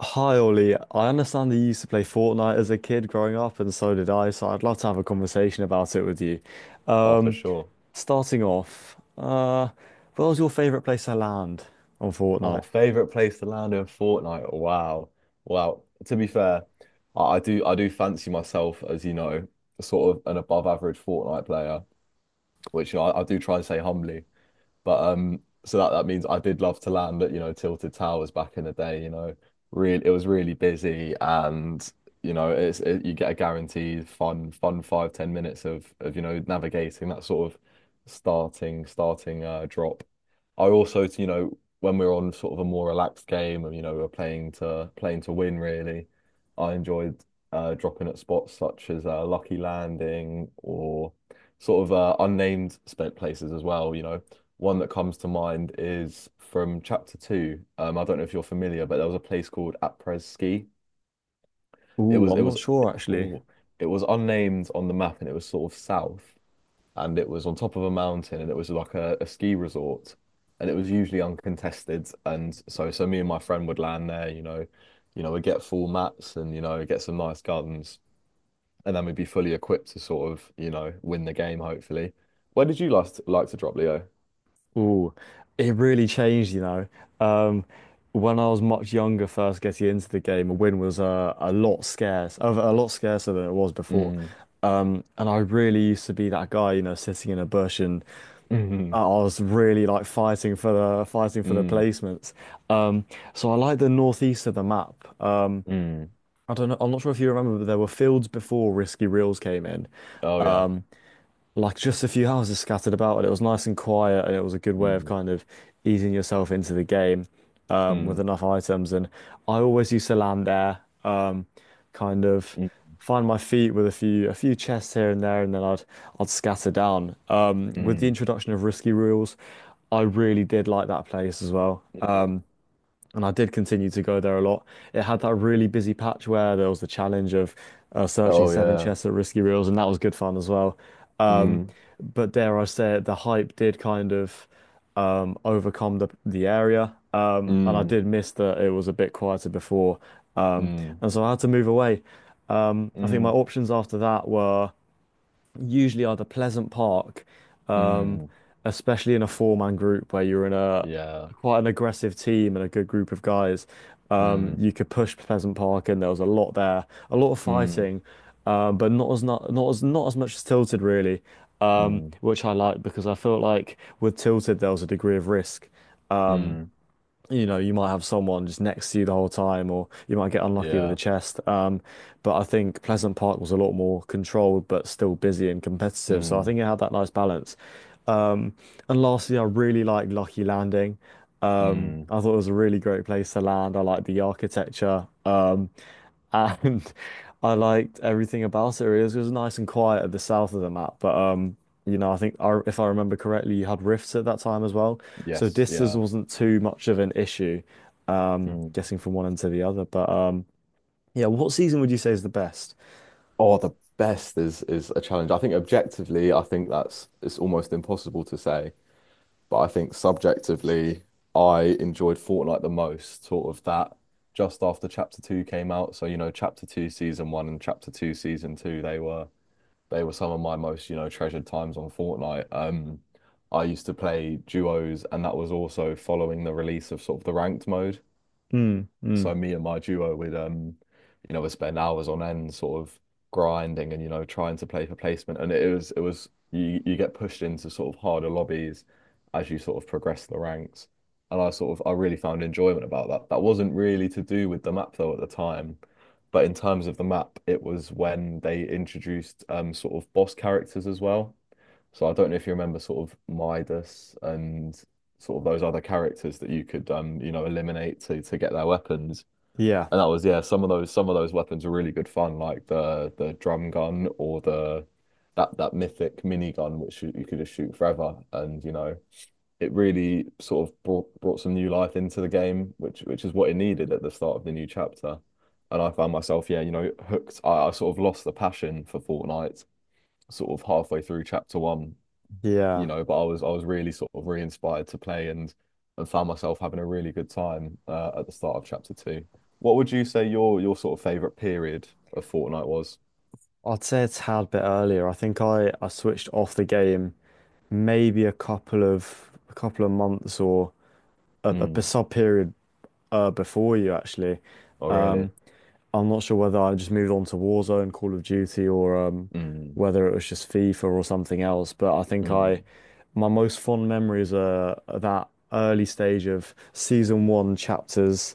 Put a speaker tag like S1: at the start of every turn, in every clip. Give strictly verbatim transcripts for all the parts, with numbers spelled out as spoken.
S1: Hi Ollie, I understand that you used to play Fortnite as a kid growing up, and so did I, so I'd love to have a conversation about it with you.
S2: Oh, for
S1: Um,
S2: sure.
S1: Starting off, uh, where was your favorite place to land on
S2: Oh,
S1: Fortnite?
S2: favorite place to land in Fortnite. Wow. Wow. To be fair, I, I do I do fancy myself, as you know, sort of an above average Fortnite player, which I, I do try and say humbly. But um so that, that means I did love to land at, you know, Tilted Towers back in the day, you know. Really, it was really busy, and you know, it's it, you get a guaranteed fun, fun five, ten minutes of of, you know, navigating that sort of starting starting uh drop. I also, you know, when we're on sort of a more relaxed game, and you know we're playing to playing to win really, I enjoyed uh, dropping at spots such as uh, Lucky Landing or sort of uh, unnamed spent places as well. You know, one that comes to mind is from Chapter Two. Um, I don't know if you're familiar, but there was a place called Apres Ski. It
S1: Ooh,
S2: was it
S1: I'm
S2: was
S1: not sure actually.
S2: oh, it was unnamed on the map, and it was sort of south, and it was on top of a mountain, and it was like a, a ski resort, and it was usually uncontested. And so so me and my friend would land there, you know you know we'd get full mats, and you know get some nice guns, and then we'd be fully equipped to sort of you know win the game hopefully. Where did you last like to drop, Leo?
S1: Ooh, it really changed, you know. Um, when I was much younger, first getting into the game, a win was uh, a lot scarce, a a lot scarcer than it was before.
S2: Mm.
S1: Um, and I really used to be that guy, you know, sitting in a bush, and
S2: Mm.
S1: I was really like fighting for the fighting for the
S2: Mm.
S1: placements. Um, so I like the northeast of the map. Uh,
S2: Mm.
S1: I don't know. I'm not sure if you remember, but there were fields before Risky Reels came in,
S2: Oh, yeah.
S1: like just a few houses scattered about, and it was nice and quiet, and it was a good way of
S2: Mm.
S1: kind of easing yourself into the game, um, with
S2: Mm.
S1: enough items. And I always used to land there, um, kind of
S2: Mm.
S1: find my feet with a few a few chests here and there, and then I'd I'd scatter down. Um, with the
S2: Mm.
S1: introduction of risky rules, I really did like that place as well.
S2: Mm.
S1: And I did continue to go there a lot. It had that really busy patch where there was the challenge of uh, searching
S2: Oh,
S1: seven
S2: yeah.
S1: chests at Risky Reels, and that was good fun as well. Um,
S2: Mm.
S1: but dare I say it, the hype did kind of um, overcome the the area, um, and I
S2: Mm.
S1: did miss that it was a bit quieter before, um,
S2: Mm.
S1: and so I had to move away. Um, I think my
S2: Mm.
S1: options after that were usually are Pleasant Park, um,
S2: Mm.
S1: especially in a four-man group where you're in a
S2: Yeah.
S1: quite an aggressive team and a good group of guys. Um,
S2: Mm.
S1: you could push Pleasant Park, and there was a lot there, a lot of
S2: Mm.
S1: fighting, um, but not as not not as not as much as Tilted really, um,
S2: Mm.
S1: which I liked because I felt like with Tilted there was a degree of risk
S2: Mm,
S1: you know, you might have someone just next to you the whole time, or you might get unlucky with a
S2: yeah.
S1: chest. Um, but I think Pleasant Park was a lot more controlled, but still busy and competitive. So I
S2: Mm,
S1: think it had that nice balance. Um, and lastly, I really like Lucky Landing. Um,
S2: mm,
S1: I thought it was a really great place to land. I liked the architecture. Um, and I liked everything about it really. It was, it was nice and quiet at the south of the map, but um, you know, I think I, if I remember correctly, you had rifts at that time as well, so
S2: yes.
S1: distance
S2: Yeah.
S1: wasn't too much of an issue, um,
S2: Mm.
S1: getting from one end to the other. But um, yeah, what season would you say is the best?
S2: Oh, the best is is a challenge. I think objectively, I think that's it's almost impossible to say, but I think subjectively, I enjoyed Fortnite the most, sort of that just after Chapter Two came out. So, you know, Chapter Two Season One and Chapter Two Season Two, they were they were some of my most, you know, treasured times on Fortnite. Um, I used to play duos, and that was also following the release of sort of the ranked mode.
S1: Mm, mm.
S2: So me and my duo would um you know would spend hours on end sort of grinding, and you know trying to play for placement, and it was it was you you get pushed into sort of harder lobbies as you sort of progress the ranks. And I sort of I really found enjoyment about that, that wasn't really to do with the map though at the time, but in terms of the map, it was when they introduced um sort of boss characters as well. So I don't know if you remember sort of Midas and sort of those other characters that you could um you know eliminate to to get their weapons.
S1: Yeah,
S2: And that was, yeah, some of those some of those weapons were really good fun, like the the drum gun or the that that mythic mini gun, which you, you could just shoot forever. And you know, it really sort of brought brought some new life into the game, which which is what it needed at the start of the new chapter. And I found myself, yeah, you know, hooked. I, I sort of lost the passion for Fortnite sort of halfway through chapter one, you
S1: yeah.
S2: know, but I was I was really sort of re-inspired to play, and and found myself having a really good time uh, at the start of chapter two. What would you say your your sort of favorite period of Fortnite was?
S1: I'd say a tad bit earlier. I think I, I switched off the game maybe a couple of a couple of months or a, a
S2: Mm.
S1: sub period uh, before you actually.
S2: Oh, really?
S1: Um, I'm not sure whether I just moved on to Warzone, Call of Duty, or um,
S2: Mm.
S1: whether it was just FIFA or something else. But I think I,
S2: Mm.
S1: my most fond memories are that early stage of season one, chapters,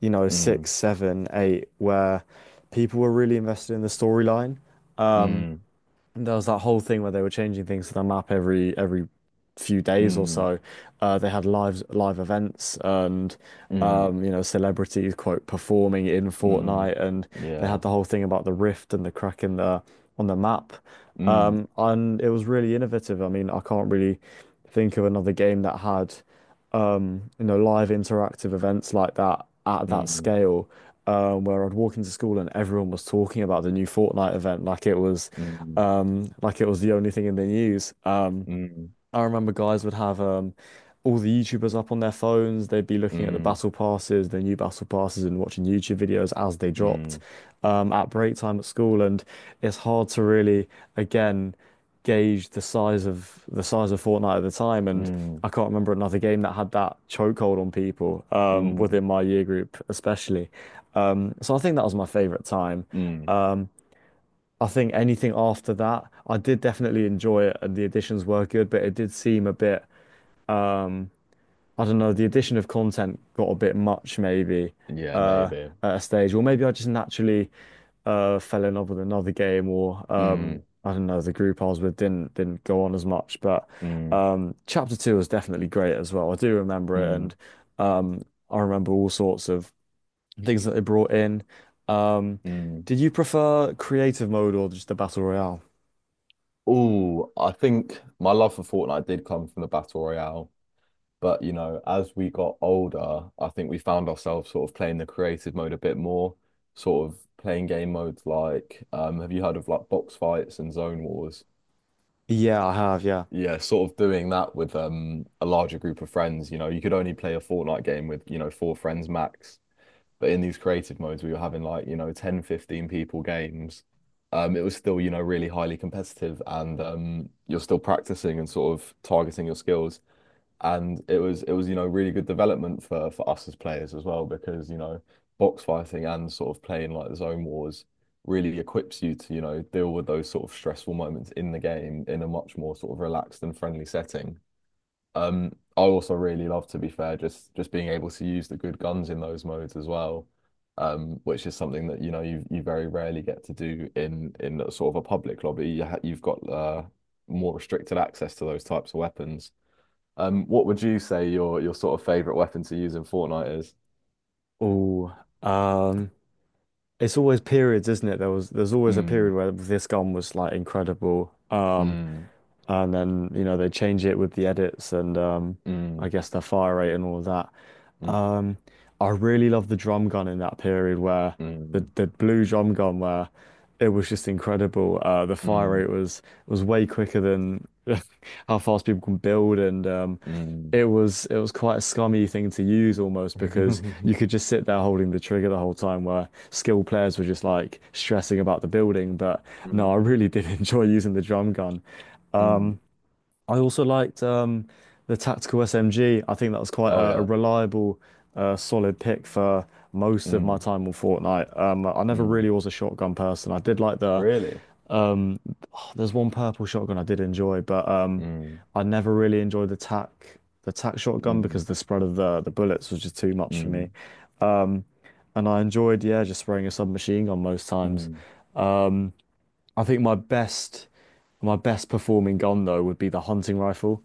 S1: you know,
S2: Mm.
S1: six, seven, eight, where people were really invested in the storyline.
S2: Mm.
S1: And there was that whole thing where they were changing things to the map every every few days or
S2: Mm.
S1: so. Uh, they had live live events and
S2: Mm.
S1: um, you know celebrities quote performing in
S2: Mm.
S1: Fortnite, and they
S2: Yeah.
S1: had the whole thing about the rift and the crack in the on the map.
S2: Mm.
S1: Um, and it was really innovative. I mean, I can't really think of another game that had um, you know, live interactive events like that at that
S2: Mm.
S1: scale, um, where I'd walk into school and everyone was talking about the new Fortnite event, like it was,
S2: Mm.
S1: um, like it was the only thing in the news. Um,
S2: Mm.
S1: I remember guys would have um all the YouTubers up on their phones. They'd be looking at the
S2: Mm.
S1: battle passes, the new battle passes, and watching YouTube videos as they dropped,
S2: Mm.
S1: um, at break time at school. And it's hard to really, again, gauge the size of the size of Fortnite at the time. And
S2: Mm.
S1: I can't remember another game that had that chokehold on people, um,
S2: Mm.
S1: within my year group, especially. Um, so I think that was my favorite time.
S2: Mm.
S1: Um, I think anything after that, I did definitely enjoy it, and the additions were good, but it did seem a bit, I don't know, the addition of content got a bit much maybe,
S2: Yeah,
S1: uh,
S2: maybe.
S1: at a stage, or maybe I just naturally uh, fell in love with another game, or um,
S2: Mm.
S1: I don't know, the group I was with didn't didn't go on as much. But
S2: Mm.
S1: um, chapter two was definitely great as well. I do remember it,
S2: Mm.
S1: and um, I remember all sorts of things that they brought in. Um,
S2: Mm.
S1: did you prefer creative mode or just the battle royale?
S2: Oh, I think my love for Fortnite did come from the Battle Royale. But, you know, as we got older, I think we found ourselves sort of playing the creative mode a bit more, sort of playing game modes like, um, have you heard of like box fights and zone wars?
S1: Yeah, I have. Yeah.
S2: Yeah, sort of doing that with um, a larger group of friends. You know, you could only play a Fortnite game with, you know, four friends max. But in these creative modes, we were having like, you know, ten, fifteen people games. Um, it was still, you know, really highly competitive, and um, you're still practicing and sort of targeting your skills. And it was it was, you know, really good development for for us as players as well, because, you know, box fighting and sort of playing like the zone wars really equips you to, you know, deal with those sort of stressful moments in the game in a much more sort of relaxed and friendly setting. Um, I also really love, to be fair, just just being able to use the good guns in those modes as well, um, which is something that you know you you very rarely get to do in in a sort of a public lobby. You ha you've got uh, more restricted access to those types of weapons. Um, what would you say your your sort of favorite weapon to use in Fortnite is?
S1: Oh, it's always periods, isn't it? There was there's always a
S2: Mm,
S1: period where this gun was like incredible. Um,
S2: mm,
S1: and then you know they change it with the edits, and um,
S2: mm,
S1: I guess their fire rate and all of that.
S2: mm,
S1: Um, I really love the drum gun in that period where the
S2: mm,
S1: the blue drum gun where it was just incredible. Uh, the fire
S2: mm,
S1: rate was was way quicker than how fast people can build, and um,
S2: mm.
S1: it was it was quite a scummy thing to use almost because you could just sit there holding the trigger the whole time where skilled players were just like stressing about the building. But no, I
S2: Mm,
S1: really did enjoy using the drum gun.
S2: mm.
S1: I also liked, um, the tactical S M G. I think that was quite
S2: Oh,
S1: a, a
S2: yeah.
S1: reliable, uh, solid pick for most of my
S2: Mm,
S1: time on Fortnite. Um, I never
S2: mm.
S1: really was a shotgun person. I did like the,
S2: Really?
S1: um, there's one purple shotgun I did enjoy, but um,
S2: Mm,
S1: I never really enjoyed the tac the tac shotgun because
S2: mm.
S1: the spread of the the bullets was just too much for me.
S2: Mm,
S1: And I enjoyed, yeah, just spraying a submachine gun most times.
S2: mm.
S1: I think my best my best performing gun though would be the hunting rifle.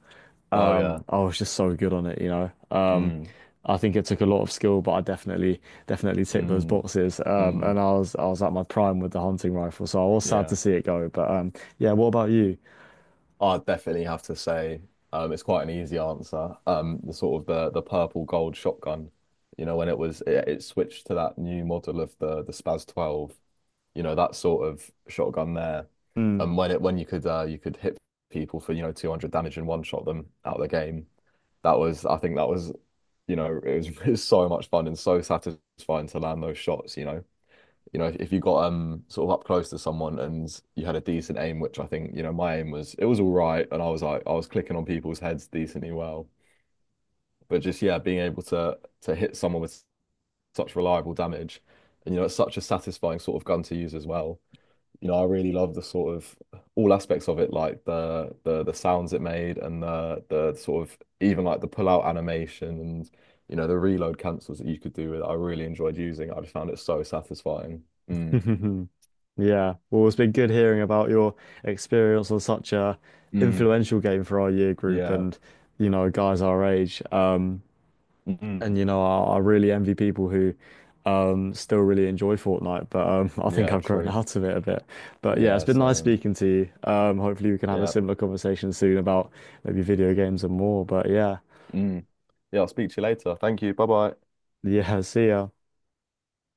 S2: Oh, yeah.
S1: Um, I was just so good on it, you know. Um,
S2: Mm,
S1: I think it took a lot of skill, but I definitely definitely ticked those
S2: mm,
S1: boxes. Um, and
S2: mm,
S1: I was I was at my prime with the hunting rifle, so I was sad
S2: yeah.
S1: to see it go. But um, yeah, what about you?
S2: i definitely have to say, um, it's quite an easy answer. Um, the sort of the the purple gold shotgun, you know, when it was it, it switched to that new model of the the Spaz twelve, you know, that sort of shotgun there. And when it when you could uh, you could hit people for, you know, two hundred damage, and one shot them out of the game. That was, I think that was, you know, it was, it was so much fun and so satisfying to land those shots, you know. You know, if, if you got um sort of up close to someone, and you had a decent aim, which I think, you know, my aim was it was all right, and I was like I was clicking on people's heads decently well. But just, yeah, being able to to hit someone with such reliable damage, and you know, it's such a satisfying sort of gun to use as well. You know, I really love the sort of all aspects of it, like the the the sounds it made, and the the sort of even like the pull out animation, and you know, the reload cancels that you could do with it. I really enjoyed using it. I just found it so satisfying. Mm.
S1: Mm. Yeah, well, it's been good hearing about your experience on such a
S2: Mm.
S1: influential game for our year group,
S2: Yeah.
S1: and you know guys our age. Um, and
S2: Mm.
S1: you know, I, I really envy people who um still really enjoy Fortnite, but um I think
S2: Yeah,
S1: I've grown
S2: true.
S1: out of it a bit. But yeah, it's
S2: Yeah,
S1: been nice
S2: same.
S1: speaking to you. Um hopefully we can have a
S2: Yeah.
S1: similar conversation soon about maybe video games and more. But yeah,
S2: Mm. Yeah, I'll speak to you later. Thank you. Bye bye.
S1: yeah, see ya.